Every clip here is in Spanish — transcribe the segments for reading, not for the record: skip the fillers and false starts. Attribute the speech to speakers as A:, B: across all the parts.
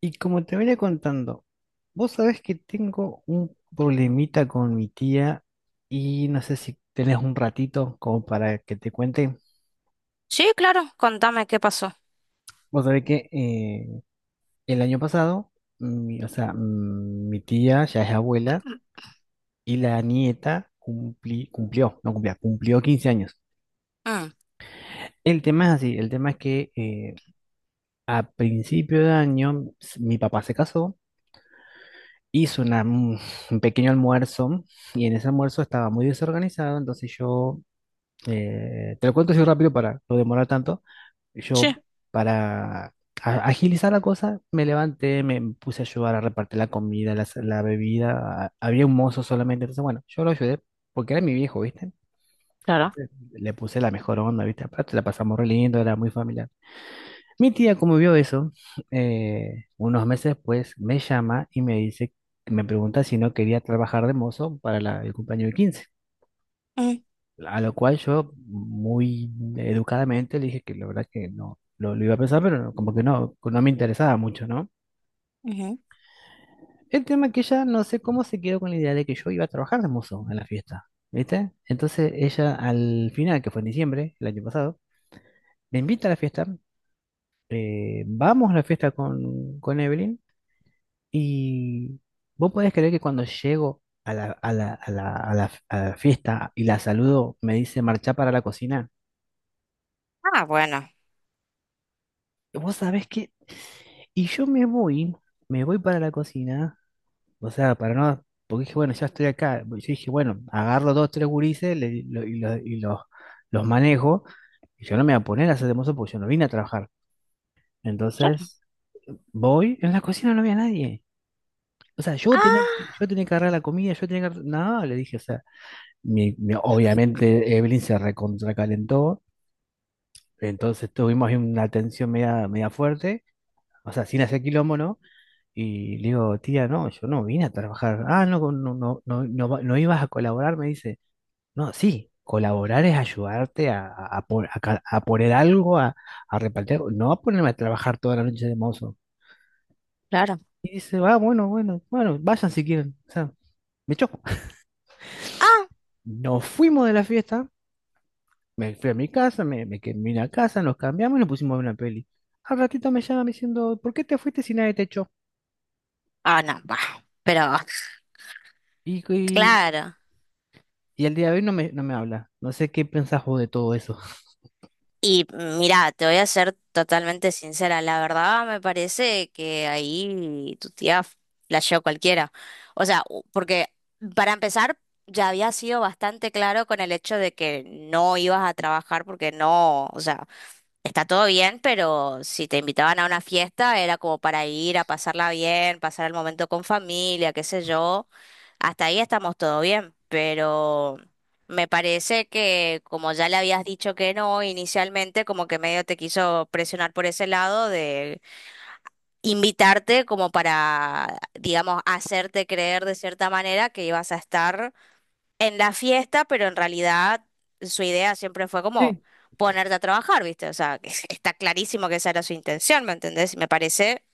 A: Y como te venía contando, vos sabés que tengo un problemita con mi tía y no sé si tenés un ratito como para que te cuente.
B: Sí, claro, contame qué pasó.
A: Vos sabés que el año pasado, mi, o sea, mm, mi tía ya es abuela y la nieta cumplió, no cumplía, cumplió 15 años.
B: Mm,
A: El tema es así, el tema es que a principio de año mi papá se casó, hizo un pequeño almuerzo y en ese almuerzo estaba muy desorganizado, entonces yo, te lo cuento así rápido para no demorar tanto, yo
B: sí,
A: para agilizar la cosa me levanté, me puse a ayudar a repartir la comida, la bebida, había un mozo solamente, entonces bueno, yo lo ayudé porque era mi viejo, ¿viste?
B: claro.
A: Le puse la mejor onda, ¿viste? Aparte la pasamos re lindo, era muy familiar. Mi tía, como vio eso, unos meses después me llama y me dice, me pregunta si no quería trabajar de mozo para el cumpleaños de 15.
B: Mm,
A: A lo cual yo, muy educadamente, le dije que la verdad que no lo iba a pensar, pero no, como que no, no me interesaba mucho, ¿no?
B: ujú.
A: El tema es que ella no sé cómo se quedó con la idea de que yo iba a trabajar de mozo en la fiesta, ¿viste? Entonces ella al final, que fue en diciembre, el año pasado, me invita a la fiesta, vamos a la fiesta con Evelyn. Y vos podés creer que cuando llego a a la fiesta y la saludo, me dice marchá para la cocina.
B: Ah, bueno.
A: ¿Vos sabés qué? Y yo me voy para la cocina, o sea, para no, porque dije, bueno, ya estoy acá. Yo dije, bueno, agarro dos, tres gurises y los manejo. Y yo no me voy a poner a hacer de mozo porque yo no vine a trabajar.
B: Claro.
A: Entonces, voy, en la cocina no había nadie. O sea,
B: Ah,
A: yo tenía que agarrar la comida, yo tenía que agarrar. No, le dije, o sea, obviamente Evelyn se recontracalentó, entonces tuvimos ahí una tensión media, media fuerte, o sea, sin hacer quilombo, ¿no? Y le digo, tía, no, yo no vine a trabajar. Ah, no, no, no, no, no, no ibas a colaborar, me dice. No, sí, colaborar es ayudarte a a poner algo, a repartir algo, no a ponerme a trabajar toda la noche de mozo.
B: claro.
A: Y dice, va, bueno, bueno, bueno, vayan si quieren, o sea, me choco.
B: Ah,
A: Nos fuimos de la fiesta. Me fui a mi casa, me quedé, vine a casa, nos cambiamos y nos pusimos a ver una peli. Al ratito me llama diciendo, ¿por qué te fuiste si nadie te echó?
B: no, va. Pero,
A: Y, y,
B: claro.
A: y el día de hoy no me, no me habla. No sé qué pensás vos de todo eso.
B: Y mira, te voy a ser totalmente sincera. La verdad me parece que ahí tu tía flasheó cualquiera. O sea, porque para empezar, ya había sido bastante claro con el hecho de que no ibas a trabajar porque no, o sea. Está todo bien, pero si te invitaban a una fiesta era como para ir a pasarla bien, pasar el momento con familia, qué sé yo. Hasta ahí estamos todo bien, pero me parece que como ya le habías dicho que no inicialmente, como que medio te quiso presionar por ese lado de invitarte como para, digamos, hacerte creer de cierta manera que ibas a estar en la fiesta, pero en realidad su idea siempre fue como
A: Sí.
B: ponerte a trabajar, ¿viste? O sea, que está clarísimo que esa era su intención, ¿me entendés? Me parece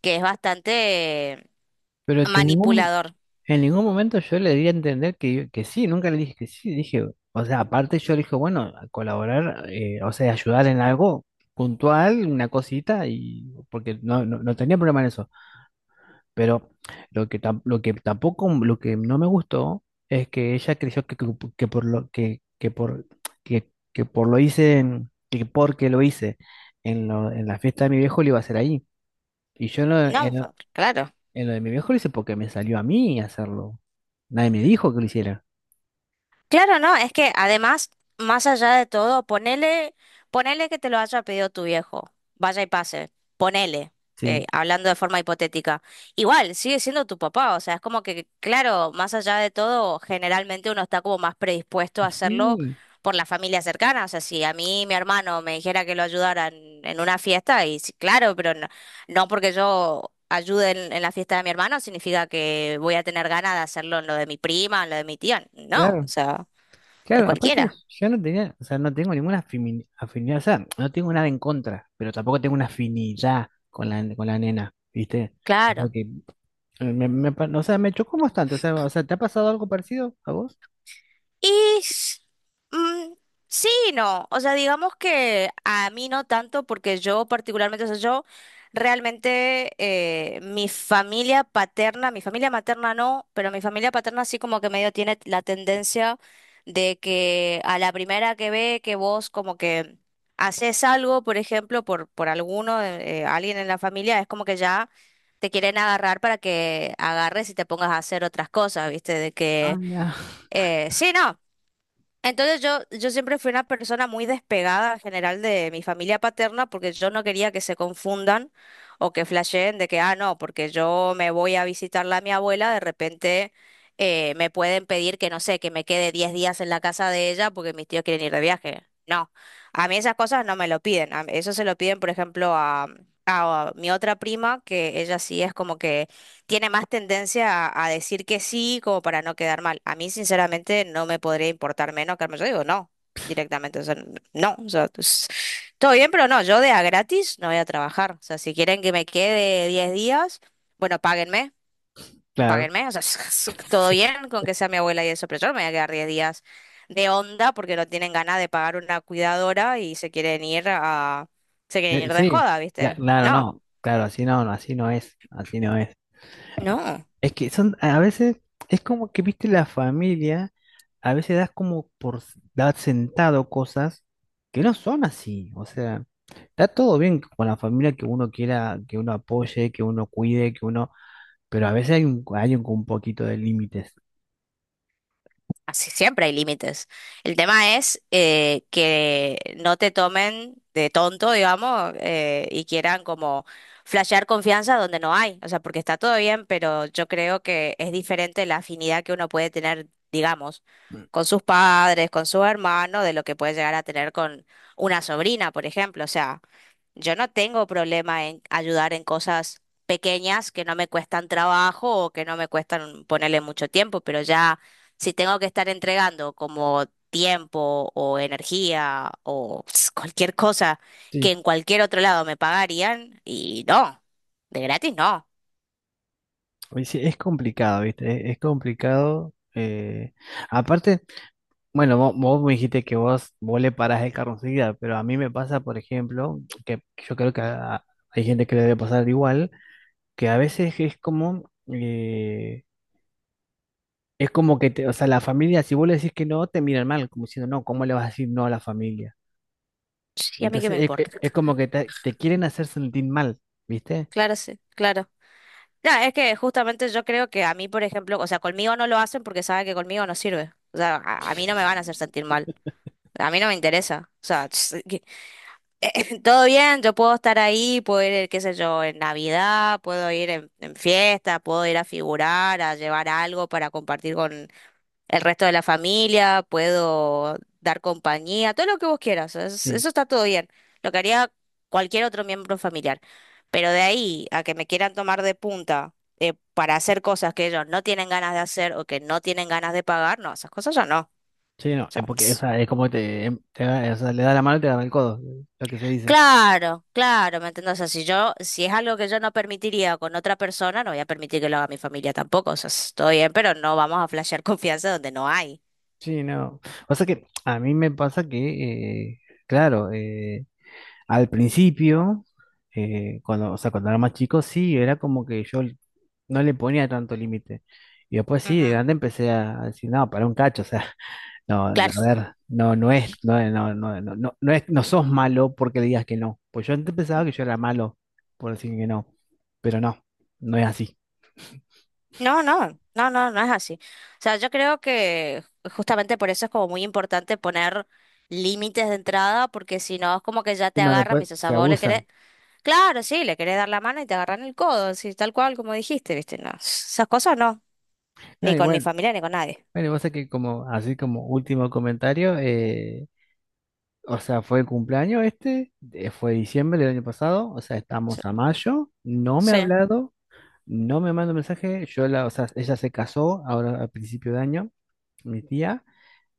B: que es bastante
A: Pero que en ningún,
B: manipulador.
A: en ningún momento yo le di a entender que, que sí, nunca le dije que sí. Dije, o sea, aparte yo le dije, bueno, a colaborar, o sea, ayudar en algo puntual, una cosita, y porque no, no, no tenía problema en eso. Pero lo que, lo que tampoco, lo que no me gustó es que ella creyó que por lo que, que por que por lo hice en- que porque lo hice en, en la fiesta de mi viejo lo iba a hacer ahí. Y yo en lo,
B: No, claro.
A: en lo de mi viejo lo hice porque me salió a mí hacerlo. Nadie me dijo que lo hiciera.
B: Claro, no, es que además, más allá de todo, ponele, ponele que te lo haya pedido tu viejo, vaya y pase, ponele,
A: Sí.
B: hablando de forma hipotética. Igual, sigue siendo tu papá, o sea, es como que, claro, más allá de todo, generalmente uno está como más predispuesto a
A: Y
B: hacerlo
A: sí,
B: por la familia cercana, o sea, si a mí mi hermano me dijera que lo ayudara en una fiesta, y sí, claro, pero no, no porque yo ayude en la fiesta de mi hermano significa que voy a tener ganas de hacerlo en lo de mi prima, en lo de mi tía. No, o
A: claro,
B: sea. De
A: claro. Aparte,
B: cualquiera,
A: yo no tenía, o sea, no tengo ninguna afinidad, o sea, no tengo nada en contra, pero tampoco tengo una afinidad con la nena, ¿viste?
B: claro.
A: O sea, me chocó bastante. O sea, ¿te ha pasado algo parecido a vos?
B: Y s- mm, sí, y no. O sea, digamos que a mí no tanto, porque yo particularmente, o sea, yo realmente mi familia paterna, mi familia materna no, pero mi familia paterna sí, como que medio tiene la tendencia de que a la primera que ve que vos como que haces algo, por ejemplo, por alguno, alguien en la familia, es como que ya te quieren agarrar para que agarres y te pongas a hacer otras cosas, ¿viste? De
A: Ah,
B: que...
A: ya.
B: Sí, no, entonces yo siempre fui una persona muy despegada en general de mi familia paterna porque yo no quería que se confundan o que flasheen de que, ah, no, porque yo me voy a visitarla a mi abuela, de repente me pueden pedir que, no sé, que me quede 10 días en la casa de ella porque mis tíos quieren ir de viaje. No, a mí esas cosas no me lo piden. Eso se lo piden, por ejemplo, a mi otra prima, que ella sí es como que tiene más tendencia a decir que sí como para no quedar mal. A mí, sinceramente, no me podría importar menos, que yo digo no, directamente. O sea, no, o sea, pues, todo bien, pero no, yo de a gratis no voy a trabajar. O sea, si quieren que me quede 10 días, bueno, páguenme,
A: Claro,
B: páguenme. O sea, todo
A: sí.
B: bien con que sea mi abuela y eso, pero yo no me voy a quedar 10 días de onda porque no tienen ganas de pagar una cuidadora y se quieren ir se quieren ir de
A: Sí,
B: joda, ¿viste?
A: claro,
B: No,
A: no. Claro, así no, no, así no es. Así no es.
B: no.
A: Es que son, a veces, es como que, viste, la familia, a veces das como por dar sentado cosas que no son así. O sea, está todo bien con la familia que uno quiera, que uno apoye, que uno cuide, que uno, pero a veces hay un poquito de límites.
B: Así siempre hay límites. El tema es que no te tomen de tonto, digamos, y quieran como flashear confianza donde no hay. O sea, porque está todo bien, pero yo creo que es diferente la afinidad que uno puede tener, digamos,
A: Mm.
B: con sus padres, con su hermano, de lo que puede llegar a tener con una sobrina, por ejemplo. O sea. Yo no tengo problema en ayudar en cosas pequeñas que no me cuestan trabajo o que no me cuestan ponerle mucho tiempo, pero ya si tengo que estar entregando como tiempo o energía o cualquier cosa que
A: Sí.
B: en cualquier otro lado me pagarían, y no, de gratis no.
A: Pues sí, es complicado, ¿viste? Es complicado. Aparte, bueno, vos, me dijiste que vos, vos le parás el carro enseguida, pero a mí me pasa, por ejemplo, que yo creo que hay gente que le debe pasar igual, que a veces es como que, o sea, la familia, si vos le decís que no, te miran mal, como diciendo, no, ¿cómo le vas a decir no a la familia?
B: Sí, a mí qué me
A: Entonces,
B: importa.
A: es como que te quieren hacer sentir mal, ¿viste?
B: Claro, sí, claro. No, es que justamente yo creo que a mí, por ejemplo, o sea, conmigo no lo hacen porque saben que conmigo no sirve. O sea, a mí no me van a hacer sentir mal. A mí no me interesa. O sea, todo bien, yo puedo estar ahí, puedo ir, qué sé yo, en Navidad, puedo ir en fiesta, puedo ir a figurar, a llevar algo para compartir con el resto de la familia, puedo dar compañía, todo lo que vos quieras,
A: Sí,
B: eso está todo bien, lo que haría cualquier otro miembro familiar. Pero de ahí a que me quieran tomar de punta para hacer cosas que ellos no tienen ganas de hacer o que no tienen ganas de pagar, no, esas cosas ya no. O
A: sí, no,
B: sea.
A: es porque, o sea, es como te, o sea, le da la mano y te da el codo, lo que se dice.
B: Claro, claro, ¿me entiendes? O sea, si es algo que yo no permitiría con otra persona, no voy a permitir que lo haga mi familia tampoco. O sea, estoy bien, pero no vamos a flashear confianza donde no hay.
A: Sí, no. Pasa que a mí me pasa que, claro, al principio, cuando, o sea, cuando era más chico, sí, era como que yo no le ponía tanto límite. Y después sí, de
B: Ujú.
A: grande empecé a decir, no, para un cacho, o sea, no, a
B: Claro.
A: ver, no, no es, no, es- no, no, no, no, no es, no sos malo porque digas que no. Pues yo antes pensaba que yo era malo por decir que no, pero no, no es así.
B: No, no, no, no, no es así. O sea, yo creo que justamente por eso es como muy importante poner límites de entrada, porque si no es como que ya te
A: No,
B: agarran, y
A: después
B: dices, o sea,
A: se
B: vos le querés,
A: abusan.
B: claro, sí, le querés dar la mano y te agarran el codo, así tal cual como dijiste, ¿viste? No, esas cosas no,
A: No,
B: ni
A: y
B: con mi
A: bueno,
B: familia ni con nadie.
A: bueno, y pasa que como, así como último comentario, o sea, fue el cumpleaños este, fue diciembre del año pasado, o sea,
B: Sí.
A: estamos a mayo, no me ha
B: Sí.
A: hablado, no me manda mensaje, yo la, o sea, ella se casó ahora a principio de año, mi tía,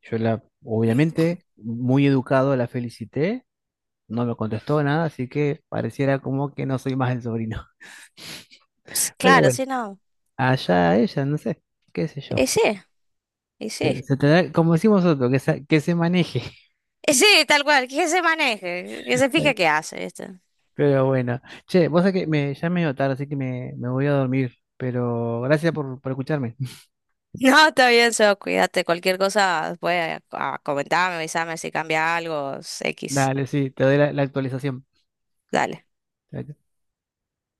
A: yo la, obviamente, muy educado la felicité, no me contestó nada, así que pareciera como que no soy más el sobrino.
B: Sí,
A: Pero
B: claro,
A: bueno,
B: sí, no.
A: allá ella, no sé, qué sé
B: Y
A: yo.
B: sí, y sí.
A: Se tendrá, como decimos nosotros, que que se maneje.
B: Y sí, tal cual, que se maneje, que se fije qué hace, ¿viste?
A: Pero bueno, che, vos sabés que me, ya es medio tarde, así que me voy a dormir. Pero gracias por escucharme.
B: No, está bien, sos, cuídate. Cualquier cosa, después comentarme, avisarme si cambia algo, X.
A: Dale, sí, te doy la la actualización.
B: Dale.